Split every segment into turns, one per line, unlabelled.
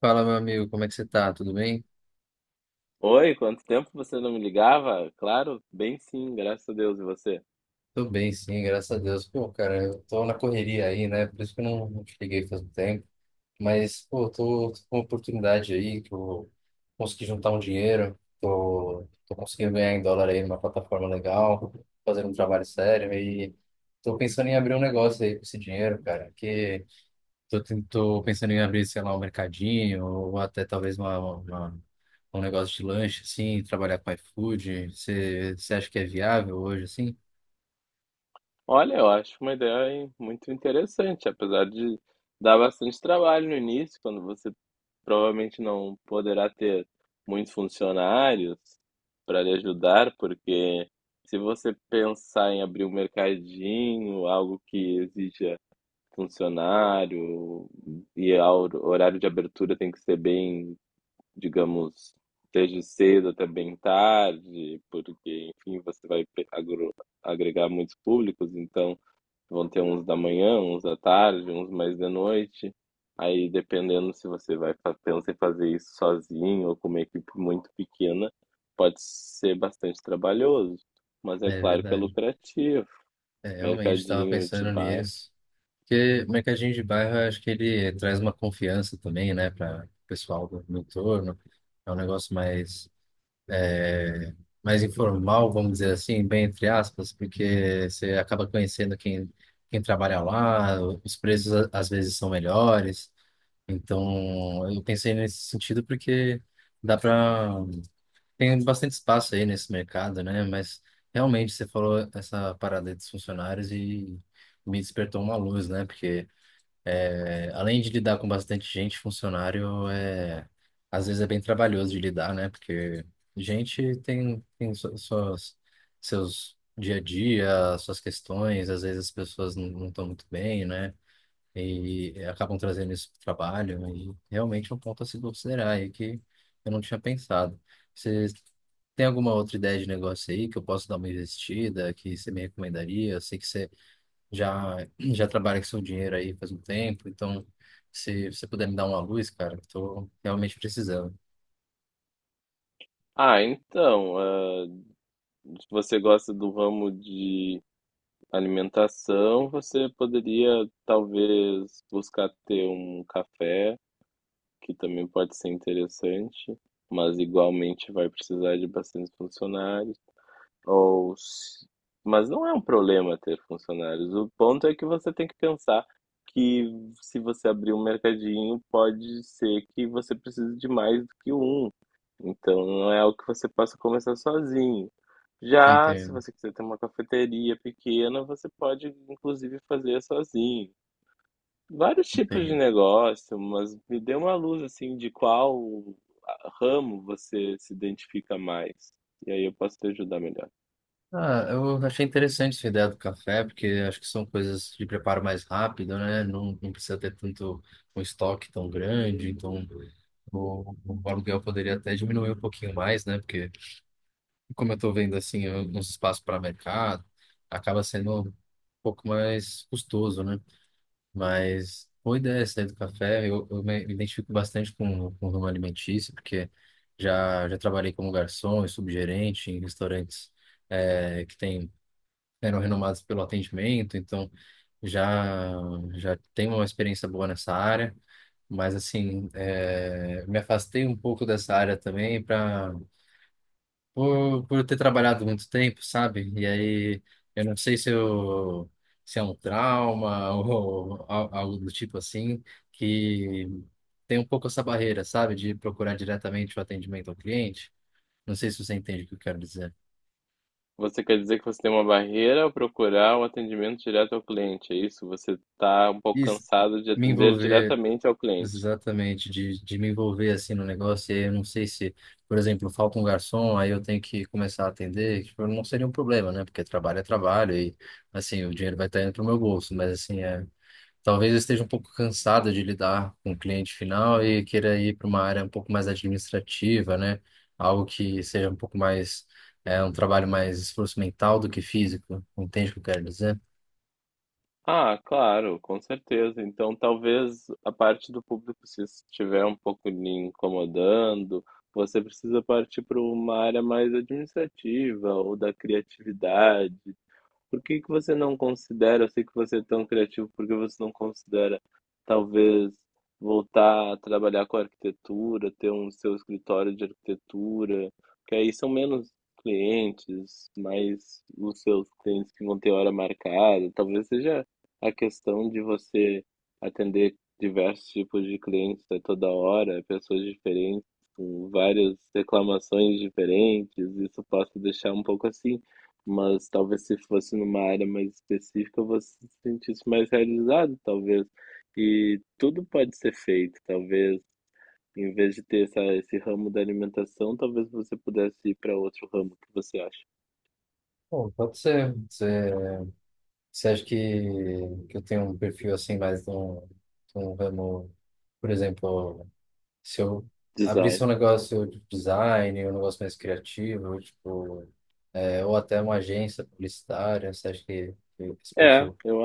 Fala, meu amigo, como é que você tá? Tudo bem?
Oi, quanto tempo você não me ligava? Claro, bem sim, graças a Deus e você.
Tô bem, sim, graças a Deus. Pô, cara, eu tô na correria aí, né? Por isso que eu não te liguei faz um tempo. Mas, pô, tô com uma oportunidade aí que eu consegui juntar um dinheiro. Tô conseguindo ganhar em dólar aí numa plataforma legal, fazendo um trabalho sério. E tô pensando em abrir um negócio aí com esse dinheiro, cara. Que Tô, tô pensando em abrir, sei lá, um mercadinho ou até talvez um negócio de lanche, assim, trabalhar com iFood. Você acha que é viável hoje, assim?
Olha, eu acho uma ideia hein, muito interessante, apesar de dar bastante trabalho no início, quando você provavelmente não poderá ter muitos funcionários para lhe ajudar, porque se você pensar em abrir um mercadinho, algo que exija funcionário e o horário de abertura tem que ser bem digamos, desde cedo até bem tarde, porque, enfim, você vai agregar muitos públicos, então vão ter uns da manhã, uns da tarde, uns mais de noite. Aí, dependendo se você vai pensar em fazer isso sozinho ou com uma equipe muito pequena, pode ser bastante trabalhoso. Mas é
É
claro que é
verdade.
lucrativo.
É, realmente estava
Mercadinho de
pensando
bairro.
nisso. Porque mercadinho de bairro, eu acho que ele traz uma confiança também, né, para o pessoal do entorno. É um negócio mais, é, mais informal, vamos dizer assim, bem entre aspas, porque você acaba conhecendo quem, quem trabalha lá, os preços às vezes são melhores. Então, eu pensei nesse sentido porque dá para tem bastante espaço aí nesse mercado, né? Mas realmente você falou essa parada aí dos funcionários e me despertou uma luz, né? Porque é, além de lidar com bastante gente, funcionário é às vezes é bem trabalhoso de lidar, né? Porque gente tem suas seus dia a dia, suas questões, às vezes as pessoas não estão muito bem, né? E acabam trazendo isso para o trabalho, né, e realmente é um ponto a se considerar e que eu não tinha pensado. Você tem alguma outra ideia de negócio aí que eu posso dar uma investida, que você me recomendaria? Eu sei que você já trabalha com seu dinheiro aí faz um tempo, então se você puder me dar uma luz, cara, estou realmente precisando.
Ah, então, ah, você gosta do ramo de alimentação, você poderia talvez buscar ter um café, que também pode ser interessante, mas igualmente vai precisar de bastante funcionários. Ou, mas não é um problema ter funcionários. O ponto é que você tem que pensar que se você abrir um mercadinho, pode ser que você precise de mais do que um. Então não é algo que você possa começar sozinho. Já se
Entendo,
você quiser ter uma cafeteria pequena, você pode inclusive fazer sozinho. Vários tipos de
entendo.
negócio, mas me dê uma luz assim de qual ramo você se identifica mais. E aí eu posso te ajudar melhor.
Ah, eu achei interessante essa ideia do café, porque acho que são coisas de preparo mais rápido, né? Não precisa ter tanto um estoque tão grande, então o aluguel poderia até diminuir um pouquinho mais, né? Porque, como eu estou vendo assim, uns espaços para mercado, acaba sendo um pouco mais custoso, né? Mas boa ideia essa aí do café. Eu me identifico bastante com o ramo alimentício, porque já trabalhei como garçom e subgerente em restaurantes que tem eram renomados pelo atendimento, então já já tenho uma experiência boa nessa área, mas assim, é, me afastei um pouco dessa área também para por eu ter trabalhado muito tempo, sabe? E aí eu não sei se eu se é um trauma ou algo do tipo assim, que tem um pouco essa barreira, sabe, de procurar diretamente o atendimento ao cliente. Não sei se você entende o que eu quero dizer.
Você quer dizer que você tem uma barreira ao procurar um atendimento direto ao cliente, é isso? Você está um pouco
Isso,
cansado de
me
atender
envolver.
diretamente ao cliente.
Exatamente, de me envolver assim no negócio, e aí eu não sei se, por exemplo, falta um garçom, aí eu tenho que começar a atender, tipo, não seria um problema, né? Porque trabalho é trabalho e, assim, o dinheiro vai estar indo pro meu bolso, mas, assim, é, talvez eu esteja um pouco cansado de lidar com o cliente final e queira ir para uma área um pouco mais administrativa, né? Algo que seja um pouco mais, é, um trabalho mais esforço mental do que físico, entende o que eu quero dizer?
Ah, claro, com certeza. Então, talvez a parte do público, se isso estiver um pouco lhe incomodando, você precisa partir para uma área mais administrativa ou da criatividade. Por que que você não considera, eu sei que você é tão criativo, por que você não considera talvez voltar a trabalhar com arquitetura, ter um seu escritório de arquitetura, que aí são menos clientes, mais os seus clientes que vão ter hora marcada, talvez seja a questão de você atender diversos tipos de clientes a toda hora, pessoas diferentes, com várias reclamações diferentes, isso possa deixar um pouco assim. Mas talvez se fosse numa área mais específica, você se sentisse mais realizado, talvez. E tudo pode ser feito, talvez. Em vez de ter essa, esse ramo da alimentação, talvez você pudesse ir para outro ramo que você acha.
Bom, pode ser. Você você acha que eu tenho um perfil assim mais de um ramo, por exemplo, se eu abrisse
Design.
um negócio de design, um negócio mais criativo, tipo, é, ou até uma agência publicitária, você acha que esse
É,
perfil?
eu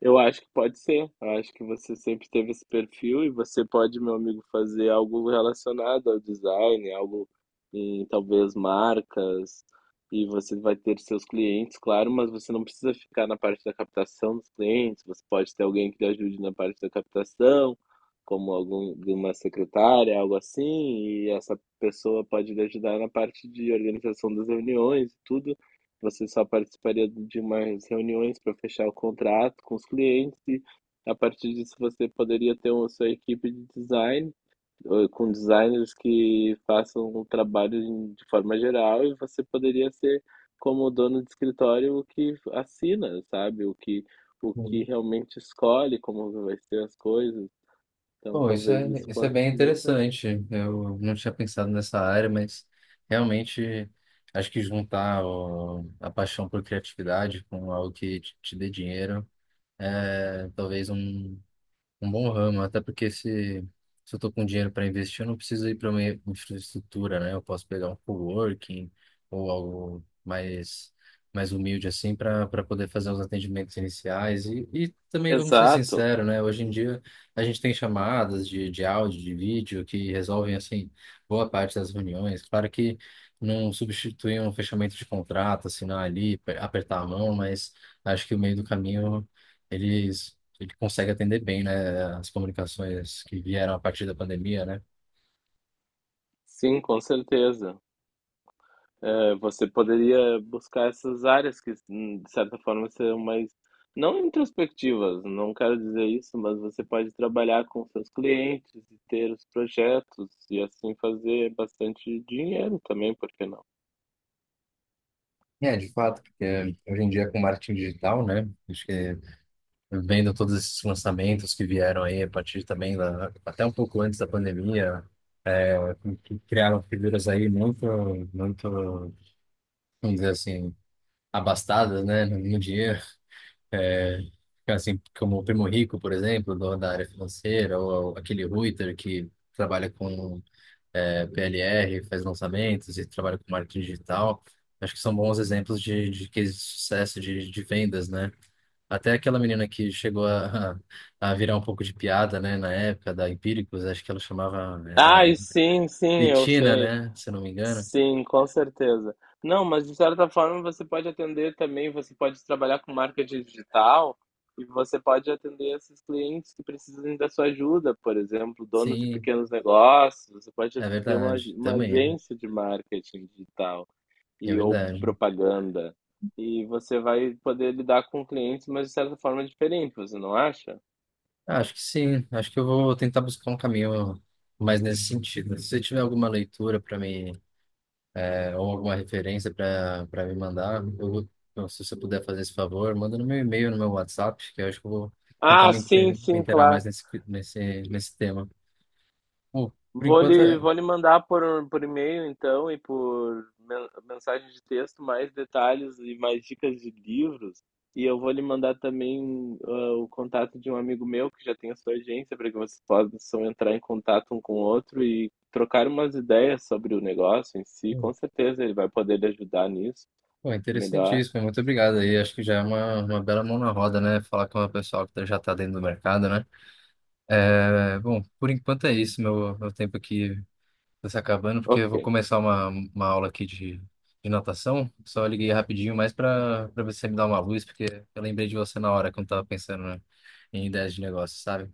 Eu acho que pode ser. Eu acho que você sempre teve esse perfil e você pode, meu amigo, fazer algo relacionado ao design, algo em talvez marcas, e você vai ter seus clientes, claro, mas você não precisa ficar na parte da captação dos clientes, você pode ter alguém que te ajude na parte da captação, como algum, uma secretária, algo assim, e essa pessoa pode lhe ajudar na parte de organização das reuniões e tudo. Você só participaria de umas reuniões para fechar o contrato com os clientes e a partir disso você poderia ter uma sua equipe de design, com designers que façam o trabalho de forma geral e você poderia ser como o dono de escritório o que assina, sabe? O que
Hum.
realmente escolhe como vai ser as coisas. Então
Bom,
talvez isso
isso é
possa
bem
ser bastante.
interessante. Eu não tinha pensado nessa área, mas realmente acho que juntar a paixão por criatividade com algo que te dê dinheiro é talvez um um bom ramo, até porque se eu tô com dinheiro para investir, eu não preciso ir para uma infraestrutura, né? Eu posso pegar um coworking ou algo mais, mais humilde assim para para poder fazer os atendimentos iniciais. E também, vamos ser
Exato.
sinceros, né? Hoje em dia a gente tem chamadas de áudio, de vídeo que resolvem assim boa parte das reuniões. Claro que não substitui um fechamento de contrato, assinar ali, apertar a mão, mas acho que o meio do caminho eles ele consegue atender bem, né, as comunicações que vieram a partir da pandemia, né?
Sim, com certeza. É, você poderia buscar essas áreas que, de certa forma, serão mais, não introspectivas, não quero dizer isso, mas você pode trabalhar com seus clientes e ter os projetos e assim fazer bastante dinheiro também, por que não?
É, de fato, porque hoje em dia com marketing digital, né? Acho que vendo todos esses lançamentos que vieram aí a partir também da, até um pouco antes da pandemia, que criaram figuras aí muito, muito, vamos dizer assim, abastadas, né, no dinheiro, assim como o Primo Rico, por exemplo, da área financeira, ou aquele Reuter que trabalha com PLR, faz lançamentos e trabalha com marketing digital. Acho que são bons exemplos de cases de sucesso de vendas, né? Até aquela menina que chegou a virar um pouco de piada, né, na época da Empíricos, acho que ela chamava,
Ah,
era
e sim, sim, eu
Betina,
sei.
né, se eu não me engano.
Sim, com certeza. Não, mas de certa forma você pode atender também, você pode trabalhar com marketing digital e você pode atender esses clientes que precisam da sua ajuda, por exemplo, donos de
Sim,
pequenos negócios, você pode
é
ter
verdade,
uma
também,
agência de marketing digital
é
e ou
verdade.
propaganda. E você vai poder lidar com clientes, mas de certa forma é diferente, você não acha?
Ah, acho que sim, acho que eu vou tentar buscar um caminho mais nesse sentido. Se você tiver alguma leitura para me é, ou alguma referência para me mandar, eu vou, então, se você puder fazer esse favor, manda no meu e-mail, no meu WhatsApp, que eu acho que eu vou tentar
Ah,
me,
sim,
me
sim,
inteirar mais
claro.
nesse, nesse, nesse tema. Bom, por
Vou
enquanto,
lhe,
é
vou lhe mandar por e-mail, então, e por mensagem de texto mais detalhes e mais dicas de livros. E eu vou lhe mandar também o contato de um amigo meu que já tem a sua agência, para que vocês possam entrar em contato um com o outro e trocar umas ideias sobre o negócio em si.
hum,
Com certeza ele vai poder lhe ajudar nisso
pô, é
melhor.
interessantíssimo, muito obrigado aí, acho que já é uma bela mão na roda, né, falar com uma pessoa que já está dentro do mercado, né? É, bom, por enquanto é isso, meu tempo aqui tá se acabando, porque eu
Ok.
vou começar uma aula aqui de natação. Só liguei rapidinho, mais para para ver se você me dá uma luz, porque eu lembrei de você na hora que eu tava pensando, né, em ideias de negócio, sabe?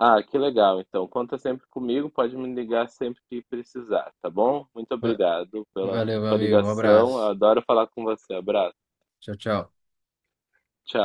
Ah, que legal. Então, conta sempre comigo, pode me ligar sempre que precisar, tá bom? Muito
Va-
obrigado pela
Valeu, meu
sua
amigo. Um
ligação. Eu
abraço.
adoro falar com você. Abraço.
Tchau, tchau.
Tchau.